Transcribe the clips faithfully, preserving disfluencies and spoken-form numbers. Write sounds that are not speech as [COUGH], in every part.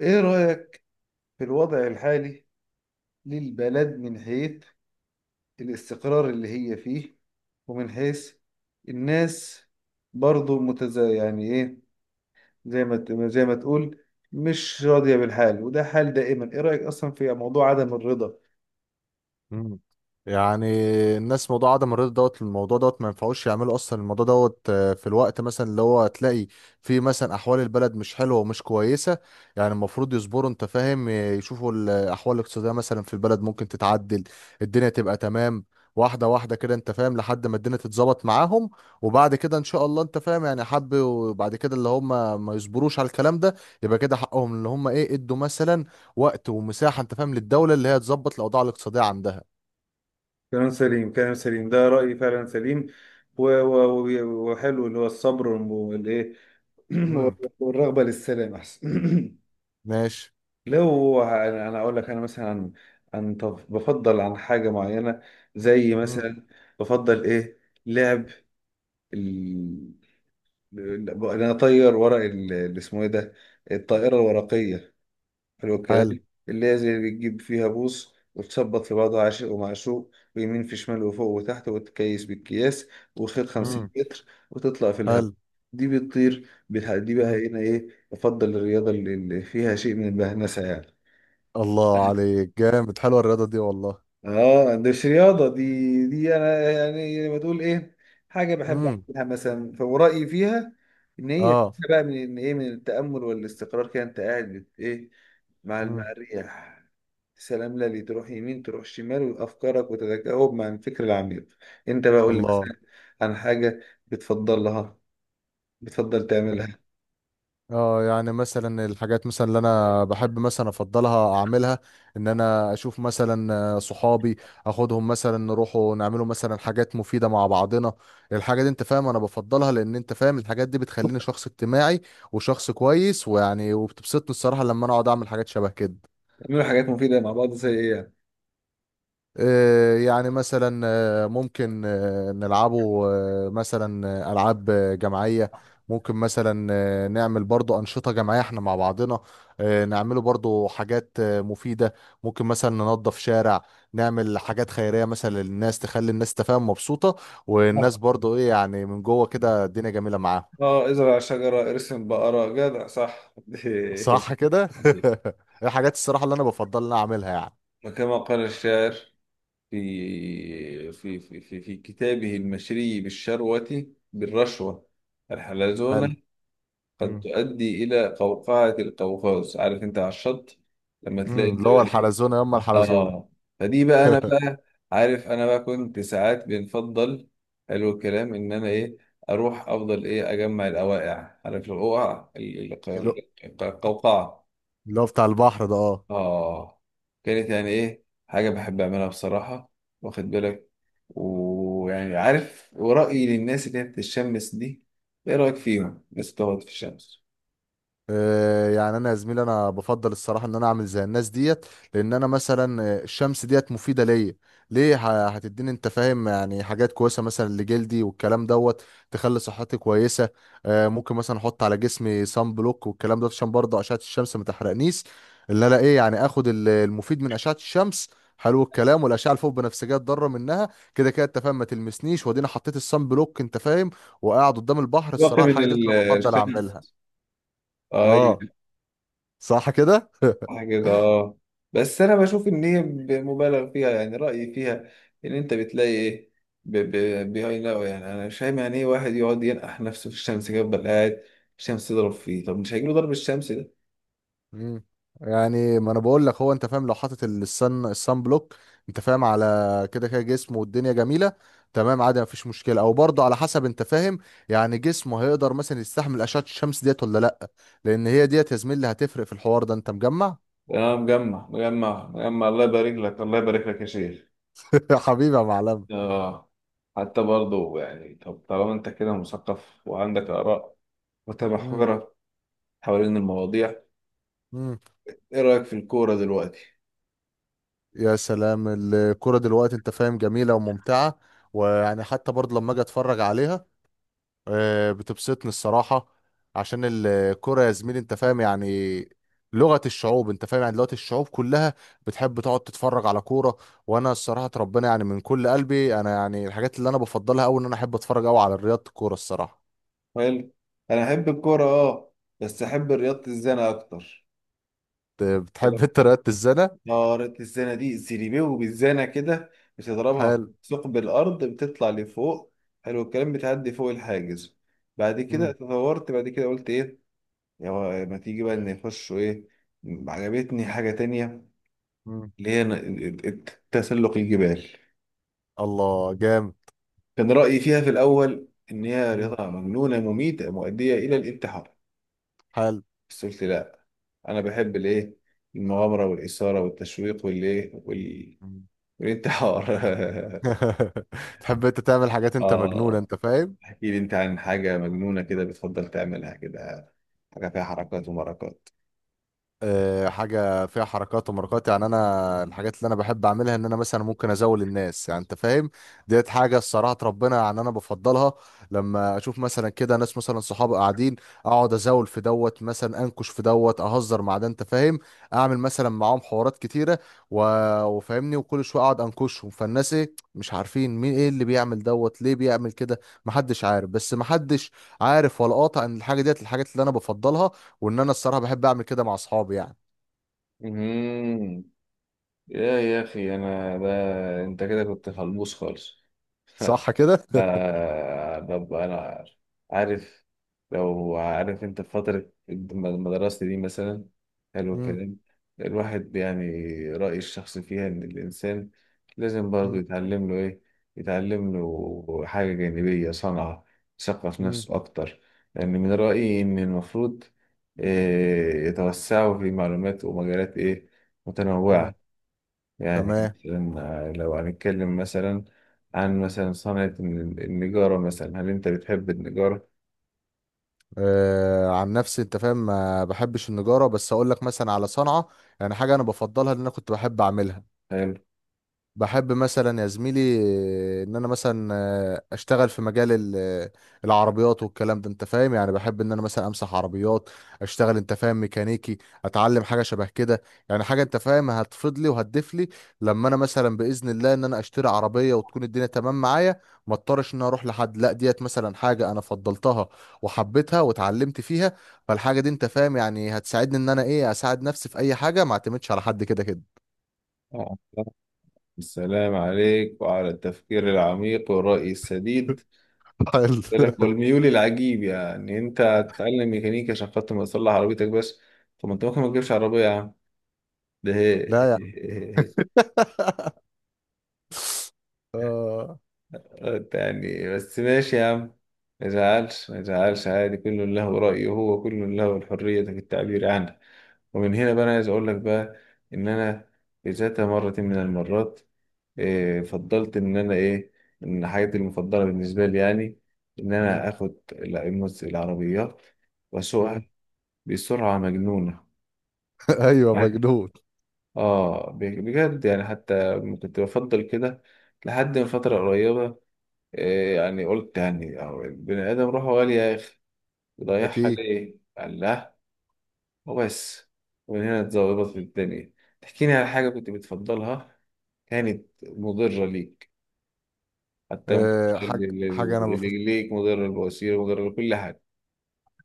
إيه رأيك في الوضع الحالي للبلد من حيث الاستقرار اللي هي فيه ومن حيث الناس برضو متز يعني إيه زي ما ت- زي ما تقول مش راضية بالحال، وده حال دائما. إيه رأيك أصلا في موضوع عدم الرضا؟ مم. يعني الناس، موضوع عدم الرضا دوت، الموضوع دوت ما ينفعوش يعملوا اصلا الموضوع دوت. آه، في الوقت مثلا اللي هو تلاقي في مثلا احوال البلد مش حلوه ومش كويسه. يعني المفروض يصبروا، انت فاهم. آه، يشوفوا الاحوال الاقتصاديه مثلا في البلد ممكن تتعدل، الدنيا تبقى تمام واحده واحده كده، انت فاهم، لحد ما الدنيا تتظبط معاهم. وبعد كده ان شاء الله، انت فاهم، يعني حب. وبعد كده اللي هم ما يصبروش على الكلام ده، يبقى كده حقهم. اللي هم ايه، ادوا مثلا وقت ومساحه، انت فاهم، للدوله اللي هي تظبط الاوضاع الاقتصاديه عندها. كلام سليم، كلام سليم، ده رأيي فعلا سليم. و- و- و- وحلو اللي هو الصبر والإيه مم. [CLEARS THROAT] والرغبة للسلام أحسن. [CLEARS THROAT] ماشي. لو انا أنا اقول لك انا مثلا عن عن طب بفضل عن حاجه معينه، زي مم. مثلا بفضل ايه لعب ال... ال- انا اطير ورق ال- اللي اسمه ايه ده، الطائره الورقيه. حلو الكلام. حلو اللي هي زي اللي بتجيب فيها بوص وتثبط في بعضها عاشق ومعشوق ويمين في شمال وفوق وتحت وتكيس بالكياس وخيط مم. خمسين متر وتطلع في حلو. الهواء. دي بتطير بتح- دي مم. بقى هنا ايه بفضل الرياضه اللي اللي فيها شيء من البهنسه يعني. الله عليك جامد، حلوة الرياضة دي والله. اه، دي مش رياضة دي، دي انا يعني لما تقول ايه، حاجة بحب مم. اعملها مثلا، فورائي فيها ان هي اه. فيها بقى من إن ايه، من التأمل والاستقرار كده. انت قاعد بت- ايه مع مم. مع الرياح، سلام للي تروح يمين تروح شمال وافكارك وتتجاوب مع الفكر العميق. انت بقى قول لي الله. مثلا عن حاجة بتفضلها، بتفضل تعملها. اه، يعني مثلا الحاجات مثلا اللي انا بحب مثلا افضلها اعملها، ان انا اشوف مثلا آه، صحابي، اخدهم مثلا نروحوا نعملوا مثلا حاجات مفيدة مع بعضنا. الحاجة دي، انت فاهم، انا بفضلها لان، انت فاهم، الحاجات دي بتخليني شخص اجتماعي وشخص كويس ويعني، وبتبسطني الصراحة لما انا اقعد اعمل حاجات شبه كده. تعملوا حاجات مفيدة مع بعض زي ايه يعني؟ آه، يعني مثلا آه، ممكن آه، نلعبه آه، مثلا آه، ألعاب آه، جماعية. ممكن مثلا آه، نعمل برضو أنشطة جماعية احنا مع بعضنا. آه، نعمله برضو حاجات آه، مفيدة. ممكن مثلا ننظف شارع، نعمل حاجات خيرية مثلا للناس، تخلي الناس تفهم مبسوطة، والناس اه، برضو ايه يعني، من جوه كده الدنيا جميلة معاهم. آه، ازرع شجرة ارسم بقرة جدع، صح. صح كده [LAUGHS] [LAUGHS] الحاجات الصراحة اللي انا بفضل ان أنا اعملها يعني. وكما قال الشاعر في في في في, في كتابه المشري بالشروة، بالرشوة، الحلزونة فال- قد مم. تؤدي إلى قوقعة القوقاز، عارف أنت، على الشط لما تلاقي مم، أنت اللي بقى هو إيه. الحلزونة، يما الحلزونة. آه، فدي بقى أنا [LAUGHS] بقى، عارف، أنا بقى كنت ساعات بنفضل، حلو الكلام، إن أنا إيه أروح أفضل إيه أجمع الأوائع، عارف، الأوقع ال- ال- القوقعة. اللي هو بتاع البحر ده، اه. اه، كانت يعني ايه حاجة بحب اعملها بصراحة، واخد بالك. ويعني عارف، ورأيي للناس اللي هي بتتشمس دي، ايه رأيك فيهم الناس بتقعد في الشمس؟ آه، يعني انا يا زميلي انا بفضل الصراحه ان انا اعمل زي الناس ديت. لان انا مثلا آه، الشمس ديت مفيده ليا، ليه. ه- هتديني انت فاهم يعني حاجات كويسه مثلا لجلدي والكلام دوت، تخلي صحتي كويسه. آه، ممكن مثلا احط على جسمي صن بلوك والكلام ده عشان برضه اشعه الشمس ما تحرقنيش، اللي انا ايه يعني اخد ال- المفيد من اشعه الشمس. حلو الكلام. والاشعه الفوق بنفسجيه اتضرر منها كده كده، انت فاهم، ما تلمسنيش. وادينا حطيت الصن بلوك، انت فاهم، وقاعد قدام البحر. واقي الصراحه من الحاجه دي ال- انا بفضل الشمس، اعملها. ايوه، اه. صح كده [LAUGHS] صح كده اه. بس انا بشوف ان هي ب- مبالغ فيها، يعني رأيي فيها ان انت بتلاقي ايه، ب- ب- بيهايل أوي، يعني انا مش فاهم يعني ايه واحد يقعد ينقح نفسه في الشمس كده يفضل قاعد الشمس تضرب فيه، طب مش هيجيله ضرب الشمس؟ مم. يعني ما انا بقول لك، هو انت فاهم لو حاطط السن السن بلوك، انت فاهم، على كده كده جسمه، والدنيا جميله تمام، عادي، مفيش مشكله. او برضه على حسب، انت فاهم، يعني جسمه هيقدر مثلا يستحمل اشعه الشمس ديت ولا لا. لان هي ديت، يا زميلي، هتفرق في الحوار ده، انت مجمع. اه، مجمع مجمع مجمع، الله يبارك لك، الله يبارك لك يا شيخ. [LAUGHS] حبيبي يا معلم. اه، حتى برضه يعني، طب طالما انت كده مثقف وعندك آراء مم. متمحورة حوالين المواضيع، مم. ايه رأيك في الكورة دلوقتي؟ يا سلام. الكرة دلوقتي، انت فاهم، جميلة وممتعة، ويعني حتى برضه لما اجي اتفرج عليها، آه، بتبسطني الصراحة. عشان الكرة، يا زميلي، انت فاهم، يعني لغة الشعوب، انت فاهم، يعني دلوقتي الشعوب كلها بتحب تقعد تتفرج على كورة. وانا الصراحة، ربنا، يعني من كل قلبي، انا يعني الحاجات اللي انا بفضلها قوي ان انا احب اتفرج قوي على رياضة الكورة الصراحة. حلو، انا احب الكورة اه، بس احب رياضة الزنا اكتر. ت- يقولك بتحب [LAUGHS] انت رياضة الزنا؟ اه، رياضة الزنا دي زيريبيو بالزنا كده، بتضربها في حال. ثقب الارض بتطلع لفوق، حلو الكلام، بتعدي فوق الحاجز، بعد كده مم. تطورت، بعد كده قلت ايه، يلا ما تيجي بقى ان يخشوا ايه. عجبتني حاجة تانية مم. اللي هي تسلق الجبال. الله جامد. كان رأيي فيها في الأول إن هي مم. رياضة مجنونة مميتة مؤدية إلى الانتحار، حال. بس قلت لا، أنا بحب الإيه، المغامرة والإثارة والتشويق والإيه وال... مم. والانتحار. [LAUGHS] [LAUGHS] تحب انت تعمل حاجات، انت مجنونة، آه، انت فاهم. احكي لي أنت عن حاجة مجنونة كده بتفضل تعملها كده، حاجة فيها حركات ومركات. آه، حاجه فيها حركات ومركات يعني، انا الحاجات اللي انا بحب اعملها ان انا مثلا ممكن ازول الناس، يعني انت فاهم، ديت حاجه الصراحه ربنا، يعني انا بفضلها. لما اشوف مثلا كده ناس مثلا صحابي قاعدين، اقعد ازول في دوت، مثلا انكش في دوت، اهزر مع ده، انت فاهم، اعمل مثلا معاهم حوارات كتيره و... وفاهمني. وكل شويه اقعد انكشهم، فالناس ايه مش عارفين مين ايه اللي بيعمل دوت ليه بيعمل كده. محدش عارف، بس محدش عارف ولا قاطع ان الحاجه ديت الحاجات اللي انا بفضلها، وان انا الصراحه بحب اعمل كده مع اصحابي يعني. مهم. يا يا أخي أنا ده، أنت كده كنت خلبوس خالص. صح كده آه طب أنا عارف، لو عارف أنت في فترة المدرسة دي مثلا، حلو [LAUGHS] مم. الكلام، الواحد يعني رأيي الشخصي فيها إن الإنسان لازم برضه مم. يتعلم له إيه، يتعلم له حاجة جانبية، صنعة، يثقف مم. نفسه أكتر، لأن من رأيي إن المفروض آه، يتوسعوا في معلومات ومجالات إيه مم. متنوعة. يعني تمام. مثلا، آه، لو هنتكلم مثلا عن مثلا صنعة الن- النجارة، مثلا هل أنت بتحب النجارة؟ آه، عن نفسي انت فاهم ما بحبش النجاره، بس اقول لك مثلا على صنعه، يعني حاجه انا بفضلها ان انا كنت بحب اعملها. حلو. بحب مثلا يا زميلي آه، ان انا مثلا آه، اشتغل في مجال ال- آه، العربيات والكلام ده، انت فاهم، يعني بحب ان انا مثلا امسح عربيات، اشتغل انت فاهم ميكانيكي، اتعلم حاجه شبه كده. يعني حاجه انت فاهم هتفيد لي وهتضيف لي لما انا مثلا باذن الله ان انا اشتري عربيه، وتكون الدنيا تمام معايا، ما اضطرش ان أنا اروح لحد. لا، ديت مثلا حاجه انا فضلتها وحبيتها واتعلمت فيها، فالحاجه دي، انت فاهم، يعني هتساعدني ان انا ايه اساعد نفسي في اي حاجه، ما اعتمدش على حد كده كده. آه. السلام عليك وعلى التفكير العميق والرأي السديد [LAUGHS] حلو. لك والميول العجيب، يعني أنت هتتعلم ميكانيكا عشان خاطر ما تصلح عربيتك بس؟ طب ما أنت ممكن ما تجيبش عربية يا عم ده. لا. [LAUGHS] [LAUGHS] آه. يعني بس ماشي يا عم، ما يزعلش ما يزعلش، عادي، كل له رأيه، هو كل له الحرية في التعبير عنه. ومن هنا بقى أنا عايز أقول لك بقى إن أنا في ذات مرة من المرات إيه فضلت إن أنا إيه، إن حاجتي المفضلة بالنسبة لي يعني إن مم. أنا آخد ال- المس- العربيات مم. وأسوقها بسرعة مجنونة. [LAUGHS] ايوه مجنون. آه، ب- بجد يعني، حتى كنت بفضل كده لحد من فترة قريبة، إيه يعني، قلت يعني أهو البني آدم روحه غالية يا أخي، بيضيعها اكيد. ليه؟ قال لا وبس، ومن هنا اتظبطت في الدنيا. تحكيني على حاجة كنت بتفضلها كانت مضرة ليك، حتى مضرة آه. حاجه لل- حاجه انا، لل- ليك، مضرة للبواسير، مضرة لكل حاجة،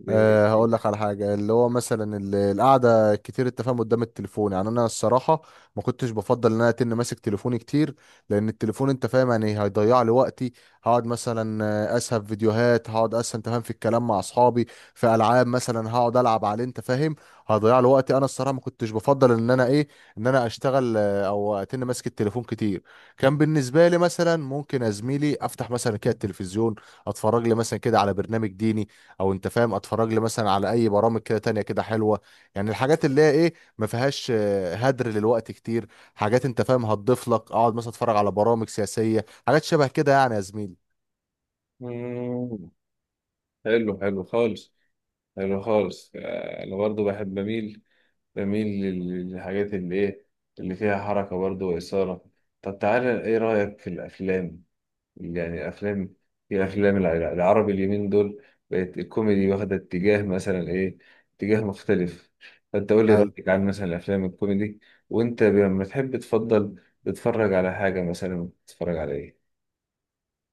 زي أه هقول لك إيه؟ على حاجة اللي هو مثلا ال- القعدة كتير التفاهم قدام التليفون، يعني أنا الصراحة ما كنتش بفضل إن أنا أتن ماسك تليفوني كتير، لأن التليفون أنت فاهم يعني هيضيع لي وقتي. هقعد مثلا آه، أسهب فيديوهات، هقعد أسهب أنت فاهم في الكلام مع أصحابي، في ألعاب مثلا هقعد ألعب عليه، أنت فاهم هيضيع لي وقتي. أنا الصراحة ما كنتش بفضل إن أنا إيه، إن أنا أشتغل آه، أو أتن ماسك التليفون كتير. كان بالنسبة لي مثلا ممكن يا زميلي أفتح مثلا كده التلفزيون أتفرج لي مثلا كده على برنامج ديني، او انت فاهم اتفرج لي مثلا على اي برامج كده تانية كده حلوه، يعني الحاجات اللي هي ايه ما فيهاش آه، هدر للوقت كتير، حاجات انت فاهم هتضيف لك، اقعد مثلا اتفرج على برامج سياسيه، حاجات شبه كده يعني يا زميلي. مم. حلو، حلو خالص حلو خالص، آه، أنا برضو بحب بميل بميل لل- للحاجات اللي إيه، اللي فيها حركة برضو وإثارة. طب تعالى إيه رأيك في الأفلام؟ يعني افلام، في افلام الع- العربي اليومين دول بقت الكوميدي واخده اتجاه مثلا ايه، اتجاه مختلف، فانت قول لي حلو. رايك عن مثلا الافلام الكوميدي، وانت لما تحب تفضل تتفرج على حاجه مثلا تتفرج على ايه؟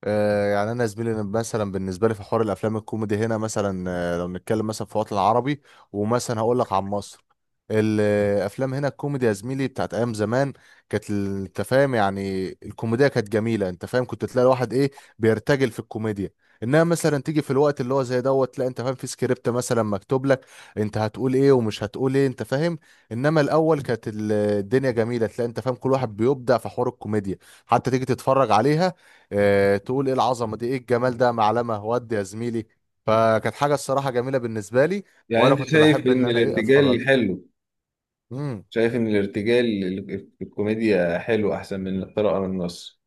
آه، يعني انا زميلي مثلا بالنسبه لي في حوار الافلام الكوميدي هنا، مثلا آه، لو نتكلم مثلا في الوطن العربي، ومثلا هقول لك عن مصر، الافلام هنا الكوميدي يا زميلي بتاعت ايام زمان، كانت ال- انت فاهم يعني الكوميديا كانت جميله، انت فاهم كنت تلاقي الواحد ايه بيرتجل في الكوميديا، انها مثلا تيجي في الوقت اللي هو زي دوت، لا انت فاهم في سكريبت مثلا مكتوب لك انت هتقول ايه ومش هتقول ايه، انت فاهم. انما الاول كانت ال- الدنيا جميله، تلاقي انت فاهم كل واحد بيبدع في حوار الكوميديا، حتى تيجي تتفرج عليها آه، تقول ايه العظمه دي، ايه الجمال ده معلمه، ودي يا زميلي فكانت حاجه الصراحه جميله بالنسبه لي. يعني وانا انت كنت شايف بحب ان ان انا ايه اتفرج. الارتجال حلو، امم. شايف ان الارتجال ال- الكوميديا حلو احسن من القراءه من النص؟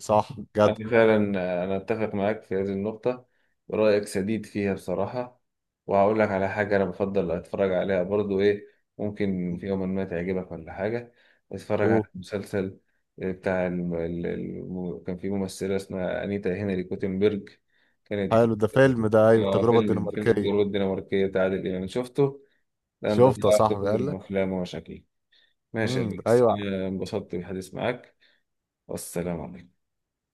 صح. جدع. أنا فعلا أنا أتفق معاك في هذه النقطة، رأيك سديد فيها بصراحة. وهقول لك على حاجة أنا بفضل أتفرج عليها برضو، إيه، ممكن في يوم ما تعجبك ولا حاجة، أتفرج اوه. على مسلسل بتاع الم... ال- الم... كان في ممثلة اسمها أنيتا هنري كوتنبرج، كانت حلو، ده فيلم ده، ايوه، آه، التجربه فيلم فيلم الدنماركيه. التجربة الدنماركية بتاع عادل إمام شفته؟ ده أنت شفته يا طلعت صاحبي قال مجرم لك. أفلام ومشاكل. ماشي يا امم، بيكس، ايوه. أنا انبسطت بالحديث معاك، والسلام عليكم.